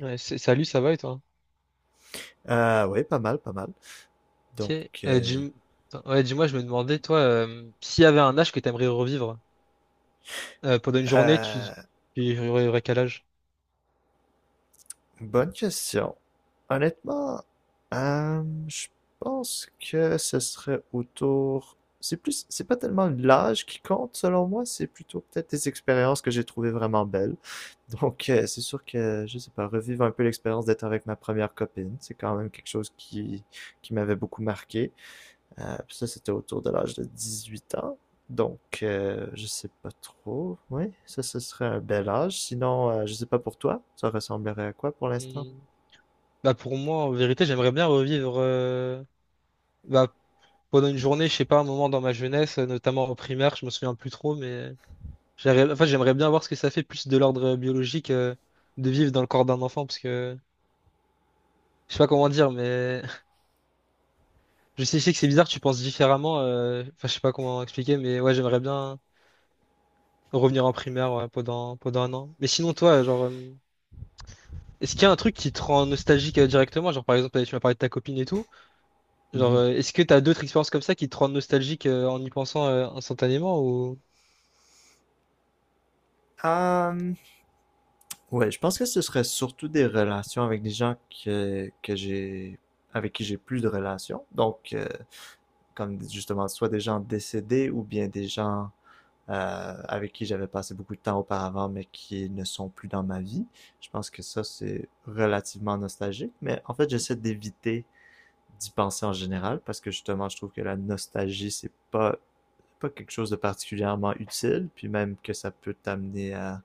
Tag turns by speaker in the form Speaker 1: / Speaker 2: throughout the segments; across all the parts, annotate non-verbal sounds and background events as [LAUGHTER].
Speaker 1: Ouais, salut, ça va et toi?
Speaker 2: Oui, pas mal, pas mal.
Speaker 1: Ok.
Speaker 2: Donc,
Speaker 1: Euh,
Speaker 2: euh,
Speaker 1: dis- attends, ouais, dis-moi, je me demandais, toi, s'il y avait un âge que t'aimerais revivre pendant une journée,
Speaker 2: euh,
Speaker 1: tu aurais quel âge?
Speaker 2: Bonne question. Honnêtement, euh, je pense que ce serait autour. C'est plus, c'est pas tellement l'âge qui compte selon moi, c'est plutôt peut-être des expériences que j'ai trouvées vraiment belles. Donc, c'est sûr que, je sais pas, revivre un peu l'expérience d'être avec ma première copine, c'est quand même quelque chose qui m'avait beaucoup marqué. Puis ça, c'était autour de l'âge de 18 ans. Donc, je sais pas trop. Oui, ça, ce serait un bel âge. Sinon, je sais pas pour toi, ça ressemblerait à quoi pour l'instant?
Speaker 1: Et, bah, pour moi, en vérité, j'aimerais bien revivre bah, pendant une journée, je sais pas, un moment dans ma jeunesse, notamment en primaire, je me souviens plus trop, mais enfin, j'aimerais bien voir ce que ça fait plus de l'ordre biologique de vivre dans le corps d'un enfant, parce que je sais pas comment dire, mais [LAUGHS] je sais que c'est bizarre, tu penses différemment, enfin, je sais pas comment expliquer, mais ouais, j'aimerais bien. Revenir en primaire ouais, pendant un an. Mais sinon, toi, genre, est-ce qu'il y a un truc qui te rend nostalgique directement? Genre, par exemple, tu m'as parlé de ta copine et tout. Genre,
Speaker 2: Mhm.
Speaker 1: est-ce que t'as d'autres expériences comme ça qui te rendent nostalgique en y pensant instantanément ou...
Speaker 2: Euh, ouais, je pense que ce serait surtout des relations avec des gens que j'ai, avec qui j'ai plus de relations. Donc, comme justement, soit des gens décédés ou bien des gens avec qui j'avais passé beaucoup de temps auparavant, mais qui ne sont plus dans ma vie. Je pense que ça, c'est relativement nostalgique, mais en fait, j'essaie d'éviter d'y penser en général, parce que justement, je trouve que la nostalgie, c'est pas quelque chose de particulièrement utile, puis même que ça peut t'amener à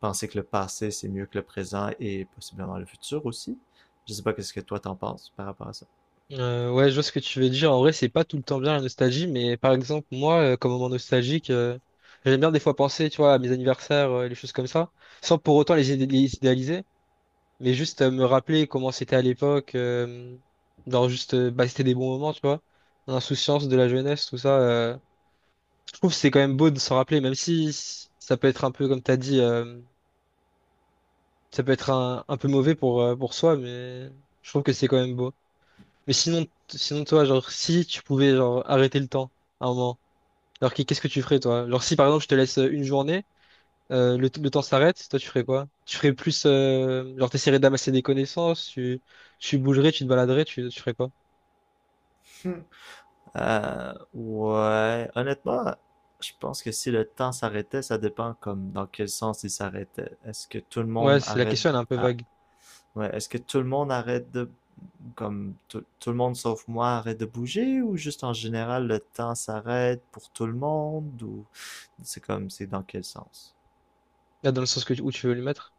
Speaker 2: penser que le passé, c'est mieux que le présent et possiblement le futur aussi. Je sais pas qu'est-ce que toi t'en penses par rapport à ça.
Speaker 1: Ouais, je vois ce que tu veux dire. En vrai, c'est pas tout le temps bien la nostalgie, mais par exemple, moi, comme moment nostalgique, j'aime bien des fois penser, tu vois, à mes anniversaires, les choses comme ça, sans pour autant les idéaliser. Mais juste me rappeler comment c'était à l'époque, genre juste, c'était des bons moments, tu vois. L'insouciance de la jeunesse, tout ça. Je trouve que c'est quand même beau de s'en rappeler, même si ça peut être un peu, comme t'as dit, ça peut être un peu mauvais pour soi, mais je trouve que c'est quand même beau. Mais sinon, sinon toi, genre, si tu pouvais genre arrêter le temps à un moment, alors qu'est-ce que tu ferais, toi? Genre, si par exemple, je te laisse une journée, le temps s'arrête, toi tu ferais quoi? Tu ferais plus, genre t'essaierais d'amasser des connaissances, tu bougerais, tu te baladerais, tu ferais quoi?
Speaker 2: Ouais, honnêtement, je pense que si, le temps s'arrêtait, ça dépend comme dans quel sens il s'arrêtait. Est-ce que tout le
Speaker 1: Ouais,
Speaker 2: monde
Speaker 1: c'est la
Speaker 2: arrête
Speaker 1: question, elle est un peu
Speaker 2: ah,
Speaker 1: vague.
Speaker 2: ouais, est-ce que tout le monde arrête de comme tout le monde sauf moi arrête de bouger ou juste en général le temps s'arrête pour tout le monde ou c'est comme c'est dans quel sens?
Speaker 1: Là, dans le sens que, où tu veux lui mettre.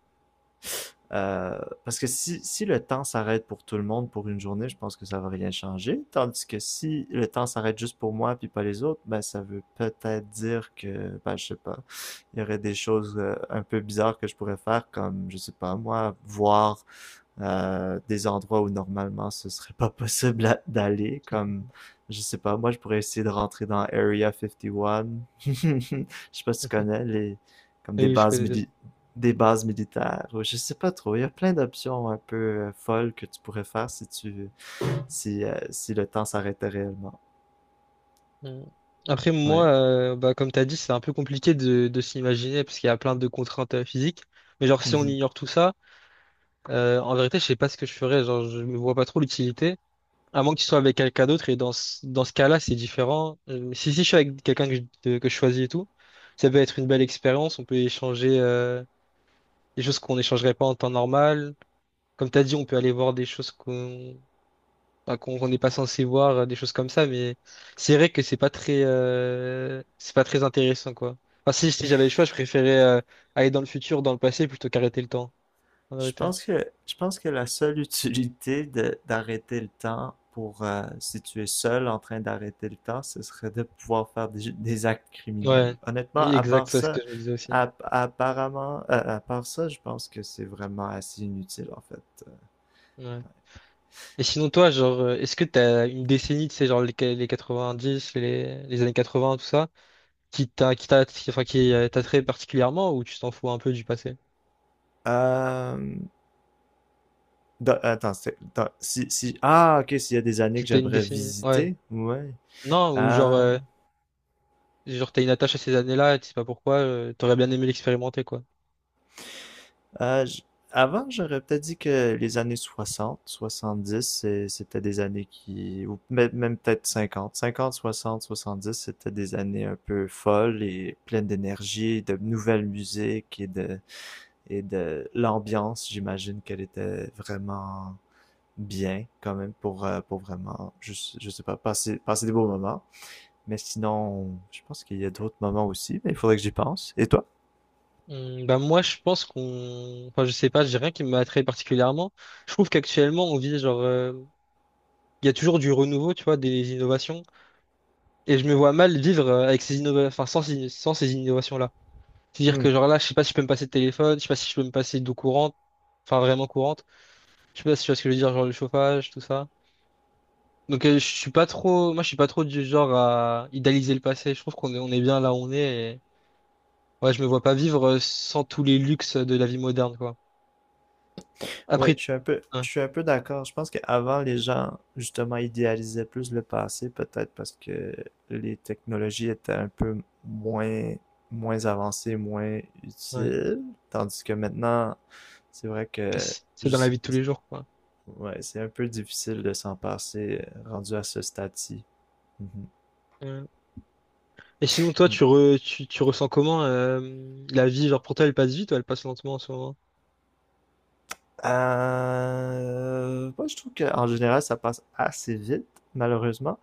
Speaker 2: Euh, parce que si le temps s'arrête pour tout le monde pour une journée, je pense que ça va rien changer. Tandis que si le temps s'arrête juste pour moi puis pas les autres, ben ça veut peut-être dire que, ben je sais pas, il y aurait des choses un peu bizarres que je pourrais faire, comme, je sais pas, moi, voir des endroits où normalement ce serait pas possible d'aller, comme, je sais pas, moi je pourrais essayer de rentrer dans Area 51. [LAUGHS] Je sais pas si tu connais
Speaker 1: [LAUGHS]
Speaker 2: les, comme
Speaker 1: Ah,
Speaker 2: des
Speaker 1: oui, je connais Eden.
Speaker 2: des bases militaires. Ou je sais pas trop. Il y a plein d'options un peu folles que tu pourrais faire si tu si, si le temps s'arrêtait réellement.
Speaker 1: Mm. Après, moi,
Speaker 2: Ouais.
Speaker 1: comme t'as dit, c'est un peu compliqué de s'imaginer parce qu'il y a plein de contraintes physiques. Mais genre, si on
Speaker 2: Mhm.
Speaker 1: ignore tout ça, en vérité, je sais pas ce que je ferais. Genre, je me vois pas trop l'utilité. À moins que tu sois avec quelqu'un d'autre, et dans ce cas-là, c'est différent. Si je suis avec quelqu'un que que je choisis et tout, ça peut être une belle expérience. On peut échanger des choses qu'on n'échangerait pas en temps normal. Comme tu as dit, on peut aller voir des choses qu'on enfin, qu'on qu'on n'est pas censé voir, des choses comme ça. Mais c'est vrai que c'est pas très intéressant, quoi. Enfin, si j'avais le choix, je préférais aller dans le futur, dans le passé, plutôt qu'arrêter le temps, en
Speaker 2: Je
Speaker 1: vérité.
Speaker 2: pense que je pense que la seule utilité d'arrêter le temps pour si tu es seul en train d'arrêter le temps, ce serait de pouvoir faire des actes criminels.
Speaker 1: Ouais,
Speaker 2: Honnêtement,
Speaker 1: oui,
Speaker 2: à
Speaker 1: exact,
Speaker 2: part
Speaker 1: c'est ce que
Speaker 2: ça,
Speaker 1: je me disais aussi.
Speaker 2: à part ça, je pense que c'est vraiment assez inutile en fait.
Speaker 1: Ouais. Et sinon, toi, genre, est-ce que t'as une décennie, tu sais, genre les, qua- les dix les années 80, tout ça, enfin, qui t'attrait particulièrement ou tu t'en fous un peu du passé?
Speaker 2: Euh, Dans- attends, c'est- dans- si, si, Ah, ok, s'il y a des années
Speaker 1: Si
Speaker 2: que
Speaker 1: t'as une
Speaker 2: j'aimerais
Speaker 1: décennie, ouais.
Speaker 2: visiter, ouais.
Speaker 1: Non, ou genre,
Speaker 2: Euh,
Speaker 1: genre t'as une attache à ces années-là, tu sais pas pourquoi, t'aurais bien aimé l'expérimenter, quoi.
Speaker 2: euh, j- Avant, j'aurais peut-être dit que les années 60 70, c'était des années qui, ou même peut-être cinquante soixante-dix, c'était des années un peu folles et pleines d'énergie, de nouvelles musiques et de l'ambiance. J'imagine qu'elle était vraiment bien quand même pour vraiment, je sais pas, passer des beaux moments. Mais sinon, je pense qu'il y a d'autres moments aussi, mais il faudrait que j'y pense. Et toi?
Speaker 1: Hmm, bah moi, je pense enfin, je sais pas, j'ai rien qui m'attrait particulièrement. Je trouve qu'actuellement, on vit genre, il y a toujours du renouveau, tu vois, des innovations, et je me vois mal vivre avec enfin, sans ces innovations-là. C'est-à-dire
Speaker 2: Hmm.
Speaker 1: que genre là, je sais pas si je peux me passer de téléphone, je sais pas si je peux me passer d'eau courante, enfin vraiment courante. Je sais pas si tu vois ce que je veux dire, genre le chauffage, tout ça. Donc je suis pas trop, moi je suis pas trop du genre à idéaliser le passé. Je trouve on est bien là où on est. Et... Ouais, je me vois pas vivre sans tous les luxes de la vie moderne, quoi.
Speaker 2: Oui,
Speaker 1: Après, ouais,
Speaker 2: je suis un peu d'accord. Je pense qu'avant, les gens, justement, idéalisaient plus le passé, peut-être parce que les technologies étaient un peu moins avancées, moins
Speaker 1: ouais.
Speaker 2: utiles. Tandis que maintenant, c'est vrai que
Speaker 1: C'est dans la
Speaker 2: juste-
Speaker 1: vie de tous les jours, quoi.
Speaker 2: ouais, c'est un peu difficile de s'en passer rendu à ce stade-ci.
Speaker 1: Ouais. Et sinon, toi,
Speaker 2: Mhm.
Speaker 1: tu ressens comment la vie, genre pour toi, elle passe vite ou elle passe lentement en ce moment?
Speaker 2: Moi, je trouve qu'en général, ça passe assez vite, malheureusement.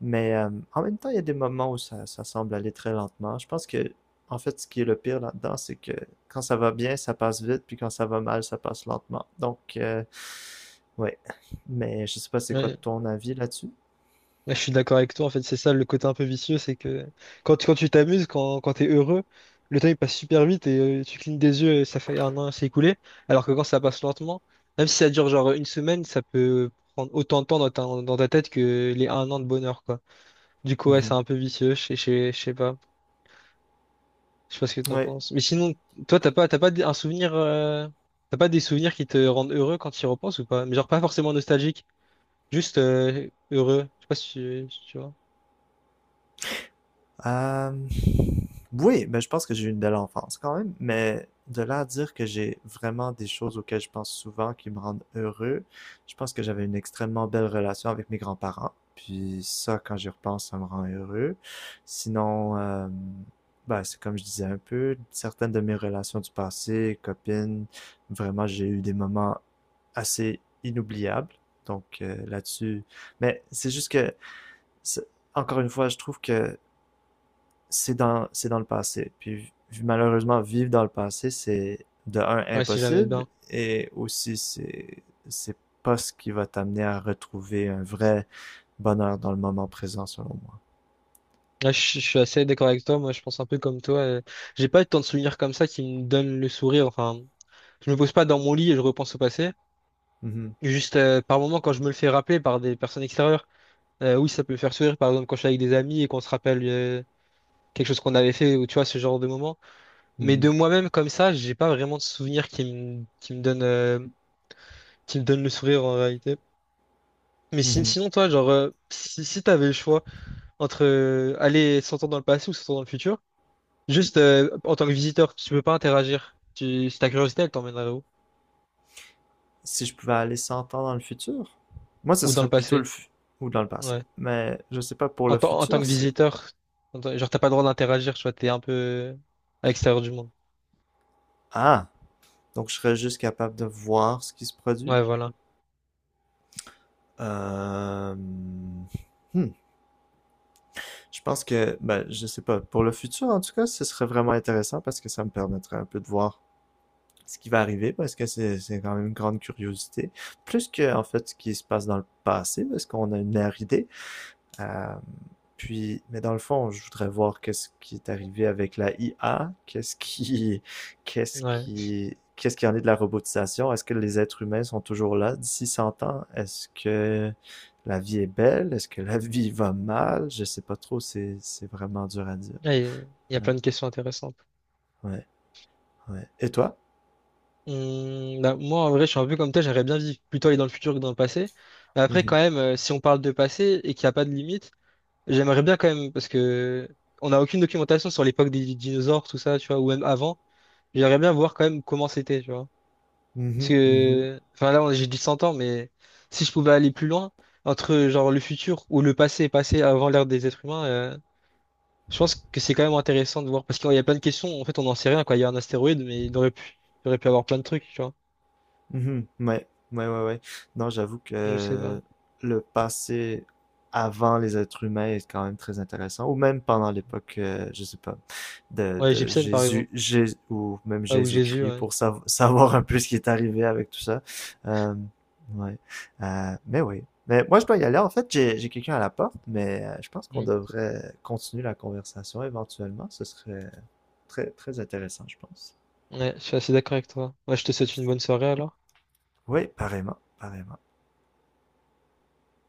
Speaker 2: Mais en même temps, il y a des moments où ça semble aller très lentement. Je pense que, en fait, ce qui est le pire là-dedans, c'est que quand ça va bien, ça passe vite, puis quand ça va mal, ça passe lentement. Donc, ouais. Mais je sais pas, c'est quoi
Speaker 1: Ouais.
Speaker 2: ton avis là-dessus?
Speaker 1: Ouais, je suis d'accord avec toi, en fait, c'est ça le côté un peu vicieux, c'est que quand tu t'amuses, quand t'es heureux, le temps il passe super vite et tu clignes des yeux et ça fait un an, c'est écoulé. Alors que quand ça passe lentement, même si ça dure genre une semaine, ça peut prendre autant de temps dans dans ta tête que les un an de bonheur, quoi. Du coup, ouais, c'est
Speaker 2: Mhm.
Speaker 1: un peu vicieux, je sais pas. Je sais pas ce que t'en
Speaker 2: Ouais.
Speaker 1: penses. Mais sinon, toi, t'as pas d- un souvenir, t'as pas des souvenirs qui te rendent heureux quand tu y repenses ou pas? Mais genre pas forcément nostalgique, juste heureux. Je sais pas si tu vois.
Speaker 2: Euh, oui, ben, je pense que j'ai eu une belle enfance quand même, mais de là à dire que j'ai vraiment des choses auxquelles je pense souvent qui me rendent heureux, je pense que j'avais une extrêmement belle relation avec mes grands-parents. Puis ça, quand j'y repense, ça me rend heureux. Sinon, ben, c'est comme je disais un peu, certaines de mes relations du passé, copines, vraiment, j'ai eu des moments assez inoubliables. Donc là-dessus, mais c'est juste que, c'est- encore une fois, je trouve que c'est dans le passé. Puis malheureusement, vivre dans le passé, c'est de un
Speaker 1: Ouais, si jamais
Speaker 2: impossible
Speaker 1: bien.
Speaker 2: et aussi c'est pas ce qui va t'amener à retrouver un vrai bonheur dans le moment présent, selon moi.
Speaker 1: Ouais, je suis assez d'accord avec toi. Moi, je pense un peu comme toi. J'ai pas tant de souvenirs comme ça qui me donnent le sourire. Enfin, je me pose pas dans mon lit et je repense au passé.
Speaker 2: Mhm,
Speaker 1: Juste par moment, quand je me le fais rappeler par des personnes extérieures, Oui, ça peut me faire sourire. Par exemple, quand je suis avec des amis et qu'on se rappelle quelque chose qu'on avait fait ou tu vois ce genre de moment. Mais de
Speaker 2: mhm,
Speaker 1: moi-même comme ça, j'ai pas vraiment de souvenirs qui me donnent le sourire en réalité. Mais
Speaker 2: mhm.
Speaker 1: sinon, toi, genre, si t'avais le choix entre aller 100 ans dans le passé ou 100 ans dans le futur. Juste en tant que visiteur, tu peux pas interagir. Si ta curiosité, elle t'emmènerait où?
Speaker 2: Si je pouvais aller 100 ans dans le futur, moi ce
Speaker 1: Ou dans
Speaker 2: serait
Speaker 1: le
Speaker 2: plutôt
Speaker 1: passé.
Speaker 2: ou dans le passé.
Speaker 1: Ouais.
Speaker 2: Mais je sais pas pour
Speaker 1: En,
Speaker 2: le
Speaker 1: tant- en tant
Speaker 2: futur,
Speaker 1: que
Speaker 2: c'est
Speaker 1: visiteur, genre t'as pas le droit d'interagir, tu vois, t'es un peu à l'extérieur du monde.
Speaker 2: ah donc je serais juste capable de voir ce qui se produit.
Speaker 1: Ouais, voilà.
Speaker 2: Euh... hmm. Je pense que, ben, je sais pas, pour le futur en tout cas, ce serait vraiment intéressant parce que ça me permettrait un peu de voir ce qui va arriver parce que c'est quand même une grande curiosité. Plus que, en fait, ce qui se passe dans le passé parce qu'on a une idée. Euh, mais dans le fond, je voudrais voir qu'est-ce qui est arrivé avec la IA, [LAUGHS]
Speaker 1: Ouais.
Speaker 2: qu'est-ce qui en est de la robotisation? Est-ce que les êtres humains sont toujours là d'ici 100 ans? Est-ce que la vie est belle? Est-ce que la [LAUGHS] vie va mal? Je sais pas trop, c'est vraiment dur à dire.
Speaker 1: Ah, il y a
Speaker 2: Ouais,
Speaker 1: plein de questions intéressantes.
Speaker 2: ouais, ouais. Et toi?
Speaker 1: Bah, moi, en vrai, je suis un peu comme toi, j'aimerais bien vivre plutôt aller dans le futur que dans le passé. Mais après,
Speaker 2: Mhm,
Speaker 1: quand même, si on parle de passé et qu'il n'y a pas de limite, j'aimerais bien quand même, parce que on n'a aucune documentation sur l'époque des dinosaures, tout ça, tu vois, ou même avant. J'aimerais bien voir quand même comment c'était, tu vois. Parce
Speaker 2: mhm, mhm.
Speaker 1: que, enfin là, j'ai dit 100 ans, mais si je pouvais aller plus loin, entre genre le futur ou le passé, passé avant l'ère des êtres humains, je pense que c'est quand même intéressant de voir, parce qu'il y a plein de questions, en fait, on n'en sait rien, quoi. Il y a un astéroïde, mais il aurait pu avoir plein de trucs, tu vois.
Speaker 2: Mhm. Ouais, ouais, ouais, ouais. Non, j'avoue
Speaker 1: Je sais pas.
Speaker 2: que le passé avant les êtres humains est quand même très intéressant, ou même pendant l'époque, je sais pas,
Speaker 1: Ouais,
Speaker 2: de
Speaker 1: Gibson, par
Speaker 2: Jésus,
Speaker 1: exemple.
Speaker 2: Ou même
Speaker 1: Ouais, ou Jésus,
Speaker 2: Jésus-Christ,
Speaker 1: ouais.
Speaker 2: pour [LAUGHS] savoir un peu ce qui est arrivé avec tout ça. Euh, ouais. Mais oui. Mais moi, je dois y aller. En fait, j'ai quelqu'un à la porte, mais je pense qu'on
Speaker 1: Mm.
Speaker 2: devrait continuer la conversation éventuellement. Ce serait très, très intéressant, je pense.
Speaker 1: Ouais, je suis assez d'accord avec toi. Ouais, je te souhaite une bonne soirée, alors.
Speaker 2: Oui, pareillement, pareillement.